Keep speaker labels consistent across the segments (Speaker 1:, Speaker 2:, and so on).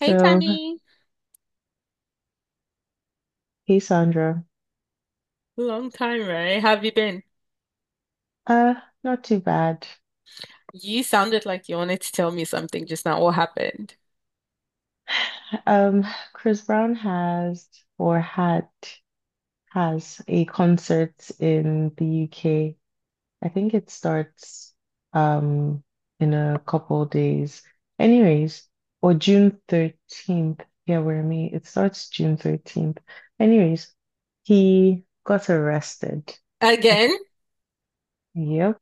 Speaker 1: Hey Tammy,
Speaker 2: hey Sandra.
Speaker 1: long time, right? have you been?
Speaker 2: Uh, not too bad.
Speaker 1: You sounded like you wanted to tell me something just now. What happened?
Speaker 2: Um, Chris Brown has or had has a concert in the UK. I think it starts um in a couple days. Anyways, or June 13th. Yeah, we're in May. It starts June 13th. Anyways, he got arrested. I
Speaker 1: Again?
Speaker 2: think, yep.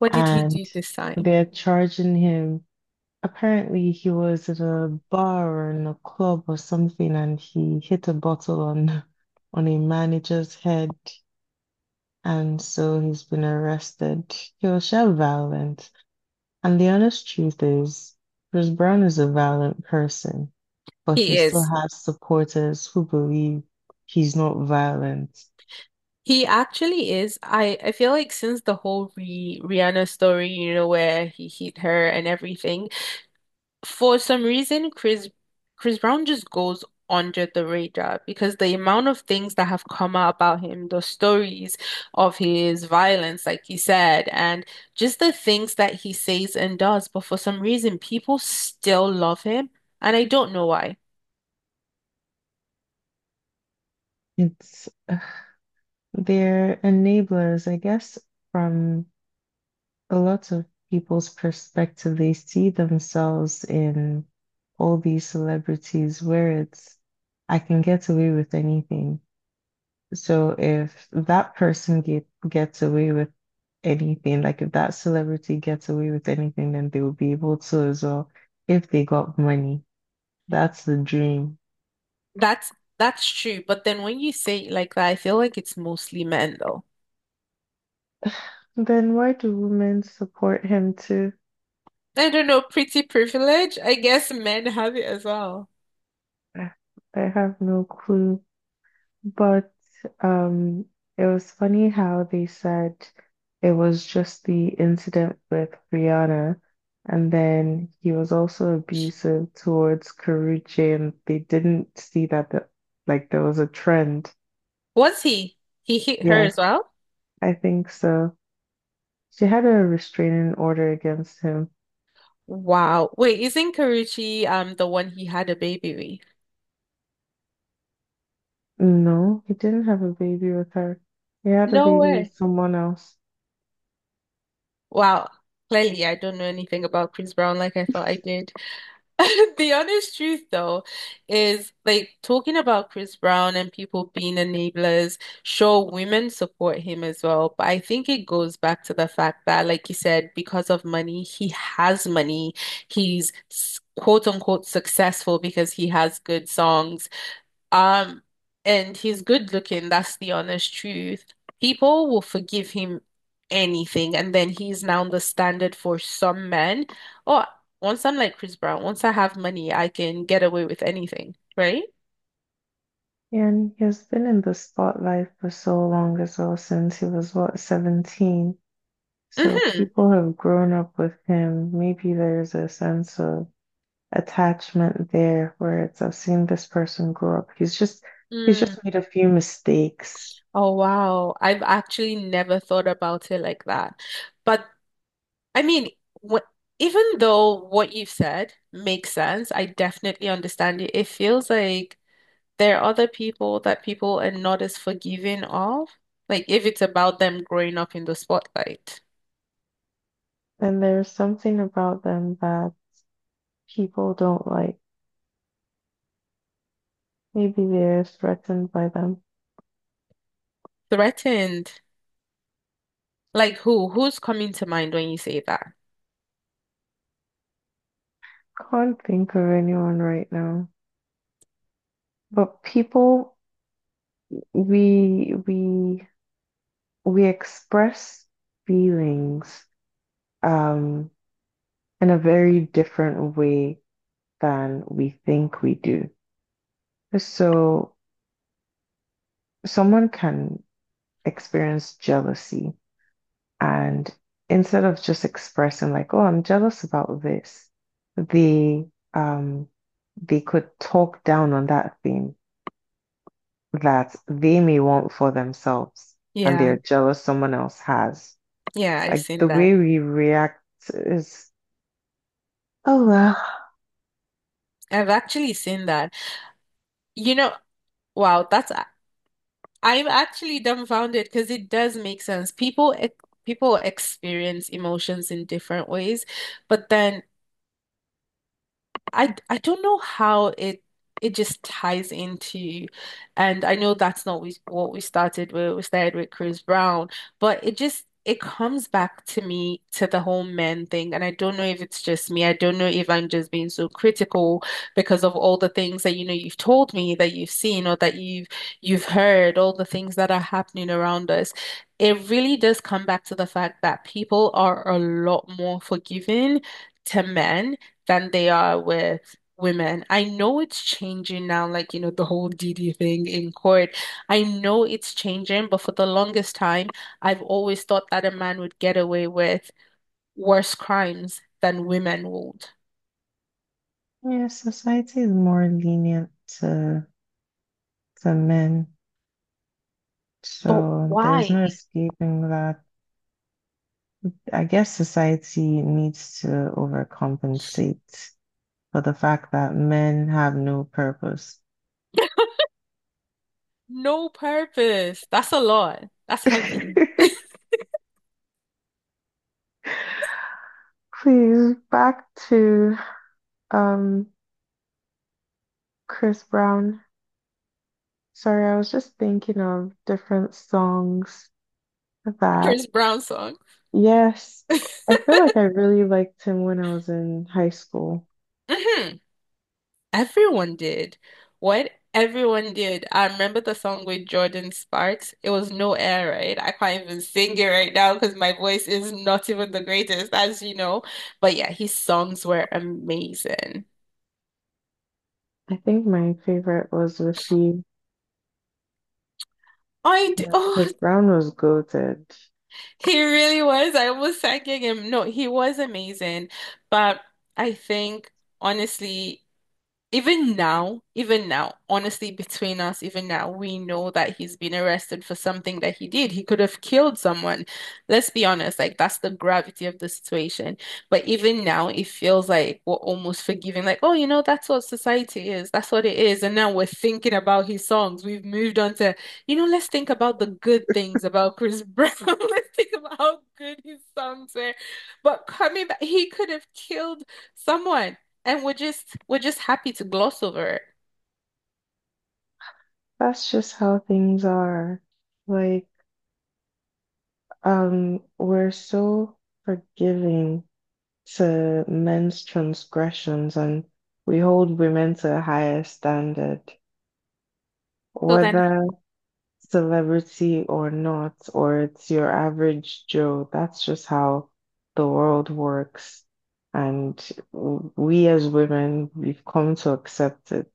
Speaker 1: What did he
Speaker 2: And
Speaker 1: do this time?
Speaker 2: they're charging him. Apparently, he was at a bar or in a club or something, and he hit a bottle on on a manager's head, and so he's been arrested. He was so violent, and the honest truth is, Chris Brown is a violent person, but he
Speaker 1: He
Speaker 2: still
Speaker 1: is.
Speaker 2: has supporters who believe he's not violent.
Speaker 1: He actually is. I feel like since the whole Rihanna story, where he hit her and everything, for some reason, Chris Brown just goes under the radar because the amount of things that have come out about him, the stories of his violence, like he said, and just the things that he says and does. But for some reason, people still love him, and I don't know why.
Speaker 2: It's they're enablers, I guess, from. A lot of people's perspective. They see themselves in all these celebrities where it's, I can get away with anything. So if gets away with anything, like if that celebrity gets away with anything, then they will be able to as well if they got money. That's the dream.
Speaker 1: That's that's true, but then when you say it like that, I feel like it's mostly men though.
Speaker 2: Then why do women support him too?
Speaker 1: I don't know, pretty privilege. I guess men have it as well.
Speaker 2: I I have no clue. But um, it was funny how they said it was just the incident with Rihanna, and then he was also abusive towards Karrueche, and they didn't see like there was a trend.
Speaker 1: Was he? He hit her
Speaker 2: Yeah,
Speaker 1: as well?
Speaker 2: I think so. She had a restraining order against him.
Speaker 1: Wow. Wait, isn't Karuchi the one he had a baby
Speaker 2: No, he didn't have a baby with her. He had
Speaker 1: with?
Speaker 2: a
Speaker 1: No
Speaker 2: baby
Speaker 1: way.
Speaker 2: with someone else.
Speaker 1: Wow. Clearly, I don't know anything about Chris Brown like I thought I did. The honest truth, though, is like, talking about Chris Brown and people being enablers, sure, women support him as well. But I think it goes back to the fact that, like you said, because of money, he has money. He's quote unquote successful because he has good songs. Um, and he's good looking, that's the honest truth. People will forgive him anything, and then he's now the standard for some men. Oh, once I'm like Chris Brown, once I have money, I can get away with anything, right?
Speaker 2: And he has been in the spotlight for so long as well, since he was, what, 17? So
Speaker 1: Hmm.
Speaker 2: people have grown up with him. Maybe there's a sense of attachment there where it's I've seen this person grow up. He's
Speaker 1: Mm.
Speaker 2: just made a few mistakes.
Speaker 1: Oh, wow. I've actually never thought about it like that. But I mean, what, even though what you've said makes sense, I definitely understand it. It feels like there are other people that people are not as forgiving of, like if it's about them growing up in the spotlight.
Speaker 2: And there's something about them that people don't like. Maybe they're threatened by them.
Speaker 1: Threatened. Like who? Who's coming to mind when you say that?
Speaker 2: Can't think of anyone right now. But people we we we express feelings um in a very different way than we think we do. So someone can experience jealousy, and instead of just expressing like, oh, I'm jealous about this, they um they could talk down on that thing that they may want for themselves and
Speaker 1: Yeah,
Speaker 2: they're jealous someone else has.
Speaker 1: yeah, I've
Speaker 2: Like
Speaker 1: seen
Speaker 2: the
Speaker 1: that.
Speaker 2: way we react is, oh well,
Speaker 1: I've actually seen that. You know, wow, that's I'm actually dumbfounded because it does make sense. People experience emotions in different ways, but then I don't know how it just ties into, and I know that's not what we started with. We started with Chris Brown, but it comes back to me, to the whole men thing, and I don't know if it's just me. I don't know if I'm just being so critical because of all the things that you've told me that you've seen, or that you've heard, all the things that are happening around us. It really does come back to the fact that people are a lot more forgiving to men than they are with women. I know it's changing now, like, the whole DD thing in court. I know it's changing, but for the longest time, I've always thought that a man would get away with worse crimes than women would.
Speaker 2: yeah, society is more lenient to to men.
Speaker 1: But
Speaker 2: So there's
Speaker 1: why?
Speaker 2: no escaping that. I guess society needs to overcompensate for the fact that men have no purpose.
Speaker 1: No purpose. That's a lot. That's heavy.
Speaker 2: Please, back to um Chris Brown. Sorry, I was just thinking of different songs that,
Speaker 1: Chris Brown song.
Speaker 2: yes, I feel like I really liked him when I was in high school.
Speaker 1: Mhm. Everyone did. What, everyone did. I remember the song with Jordan Sparks. It was No Air Raid. I can't even sing it right now because my voice is not even the greatest, as you know. But yeah, his songs were amazing.
Speaker 2: I think my favorite was With You.
Speaker 1: I d Oh,
Speaker 2: Chris Brown was goated.
Speaker 1: he really was. I was thanking him. No, he was amazing. But I think honestly, even now, even now, honestly, between us, even now, we know that he's been arrested for something that he did. He could have killed someone. Let's be honest, like, that's the gravity of the situation. But even now, it feels like we're almost forgiving, like, oh, that's what society is. That's what it is. And now we're thinking about his songs. We've moved on to, let's think about the good things about Chris Brown. Let's think about how good his songs were. But coming back, he could have killed someone. And we're just happy to gloss over it.
Speaker 2: That's just how things are. Like, we're so forgiving to men's transgressions, and we hold women to a higher standard,
Speaker 1: So then,
Speaker 2: whether celebrity or not, or it's your average Joe. That's just how the world works. And we as women, we've come to accept it.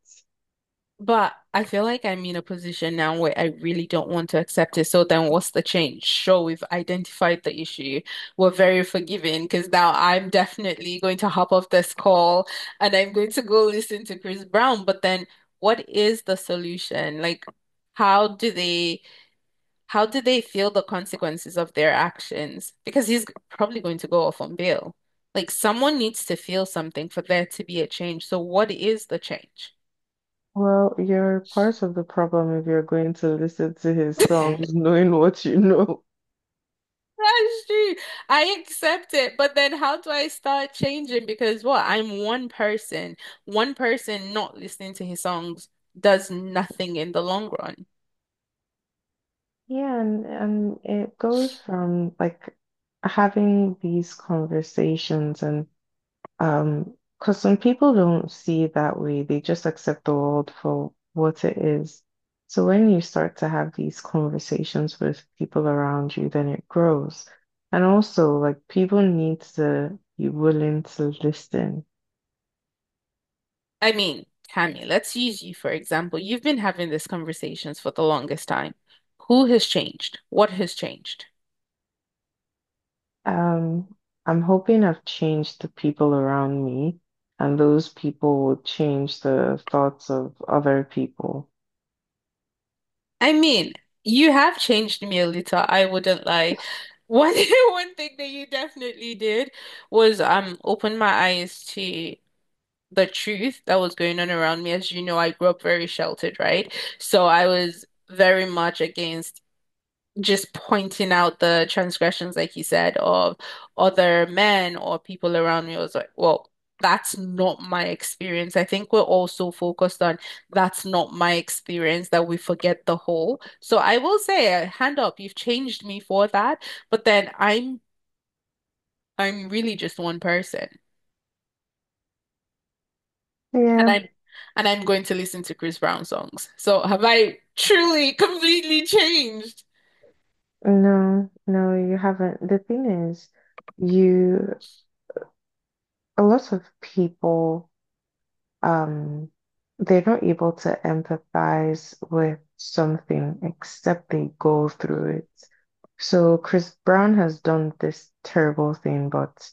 Speaker 1: but I feel like I'm in a position now where I really don't want to accept it. So then what's the change? Sure, we've identified the issue. We're very forgiving, because now I'm definitely going to hop off this call and I'm going to go listen to Chris Brown. But then what is the solution? Like, how do they How do they feel the consequences of their actions? Because he's probably going to go off on bail. Like, someone needs to feel something for there to be a change. So what is the change?
Speaker 2: Well, you're part of the problem if you're going to listen to his songs knowing what you know.
Speaker 1: That's true. I accept it, but then how do I start changing? Because what? I'm one person. One person not listening to his songs does nothing in the long run.
Speaker 2: Yeah, and it goes from like having these conversations and, because some people don't see it that way, they just accept the world for what it is. So when you start to have these conversations with people around you, then it grows. And also, like people need to be willing to listen.
Speaker 1: I mean, Tammy, let's use you for example. You've been having these conversations for the longest time. Who has changed? What has changed?
Speaker 2: Um, I'm hoping I've changed the people around me, and those people will change the thoughts of other people.
Speaker 1: I mean, you have changed me a little, I wouldn't lie. One one thing that you definitely did was open my eyes to the truth that was going on around me. As you know, I grew up very sheltered, right? So I was very much against just pointing out the transgressions, like you said, of other men or people around me. I was like, well, that's not my experience. I think we're all so focused on that's not my experience, that we forget the whole. So I will say, hand up, you've changed me for that. But then I'm really just one person. And
Speaker 2: Yeah,
Speaker 1: I'm and I'm going to listen to Chris Brown songs. So have I truly, completely changed?
Speaker 2: no, no, you haven't. The thing is, you, a lot of people, um, they're not able to empathize with something except they go through it. So Chris Brown has done this terrible thing, but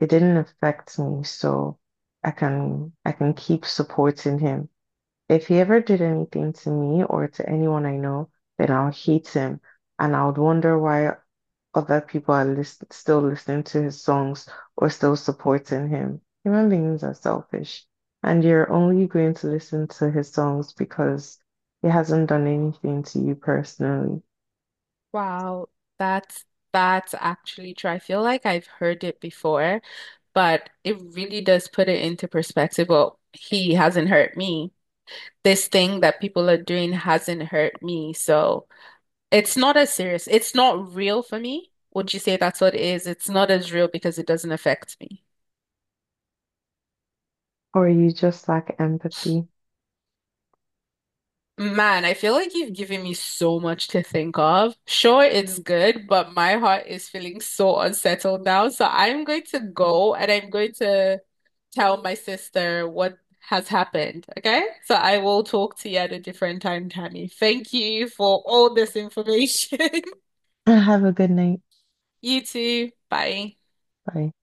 Speaker 2: it didn't affect me, so I can keep supporting him. If he ever did anything to me or to anyone I know, then I'll hate him, and I'll wonder why other people are lis still listening to his songs or still supporting him. Human beings are selfish, and you're only going to listen to his songs because he hasn't done anything to you personally,
Speaker 1: Wow, that's actually true. I feel like I've heard it before, but it really does put it into perspective. Well, he hasn't hurt me. This thing that people are doing hasn't hurt me. So it's not as serious. It's not real for me. Would you say that's what it is? It's not as real because it doesn't affect me.
Speaker 2: or you just lack empathy.
Speaker 1: Man, I feel like you've given me so much to think of. Sure, it's good, but my heart is feeling so unsettled now. So I'm going to go and I'm going to tell my sister what has happened. Okay. So I will talk to you at a different time, Tammy. Thank you for all this information.
Speaker 2: Have a good night.
Speaker 1: You too. Bye.
Speaker 2: Bye.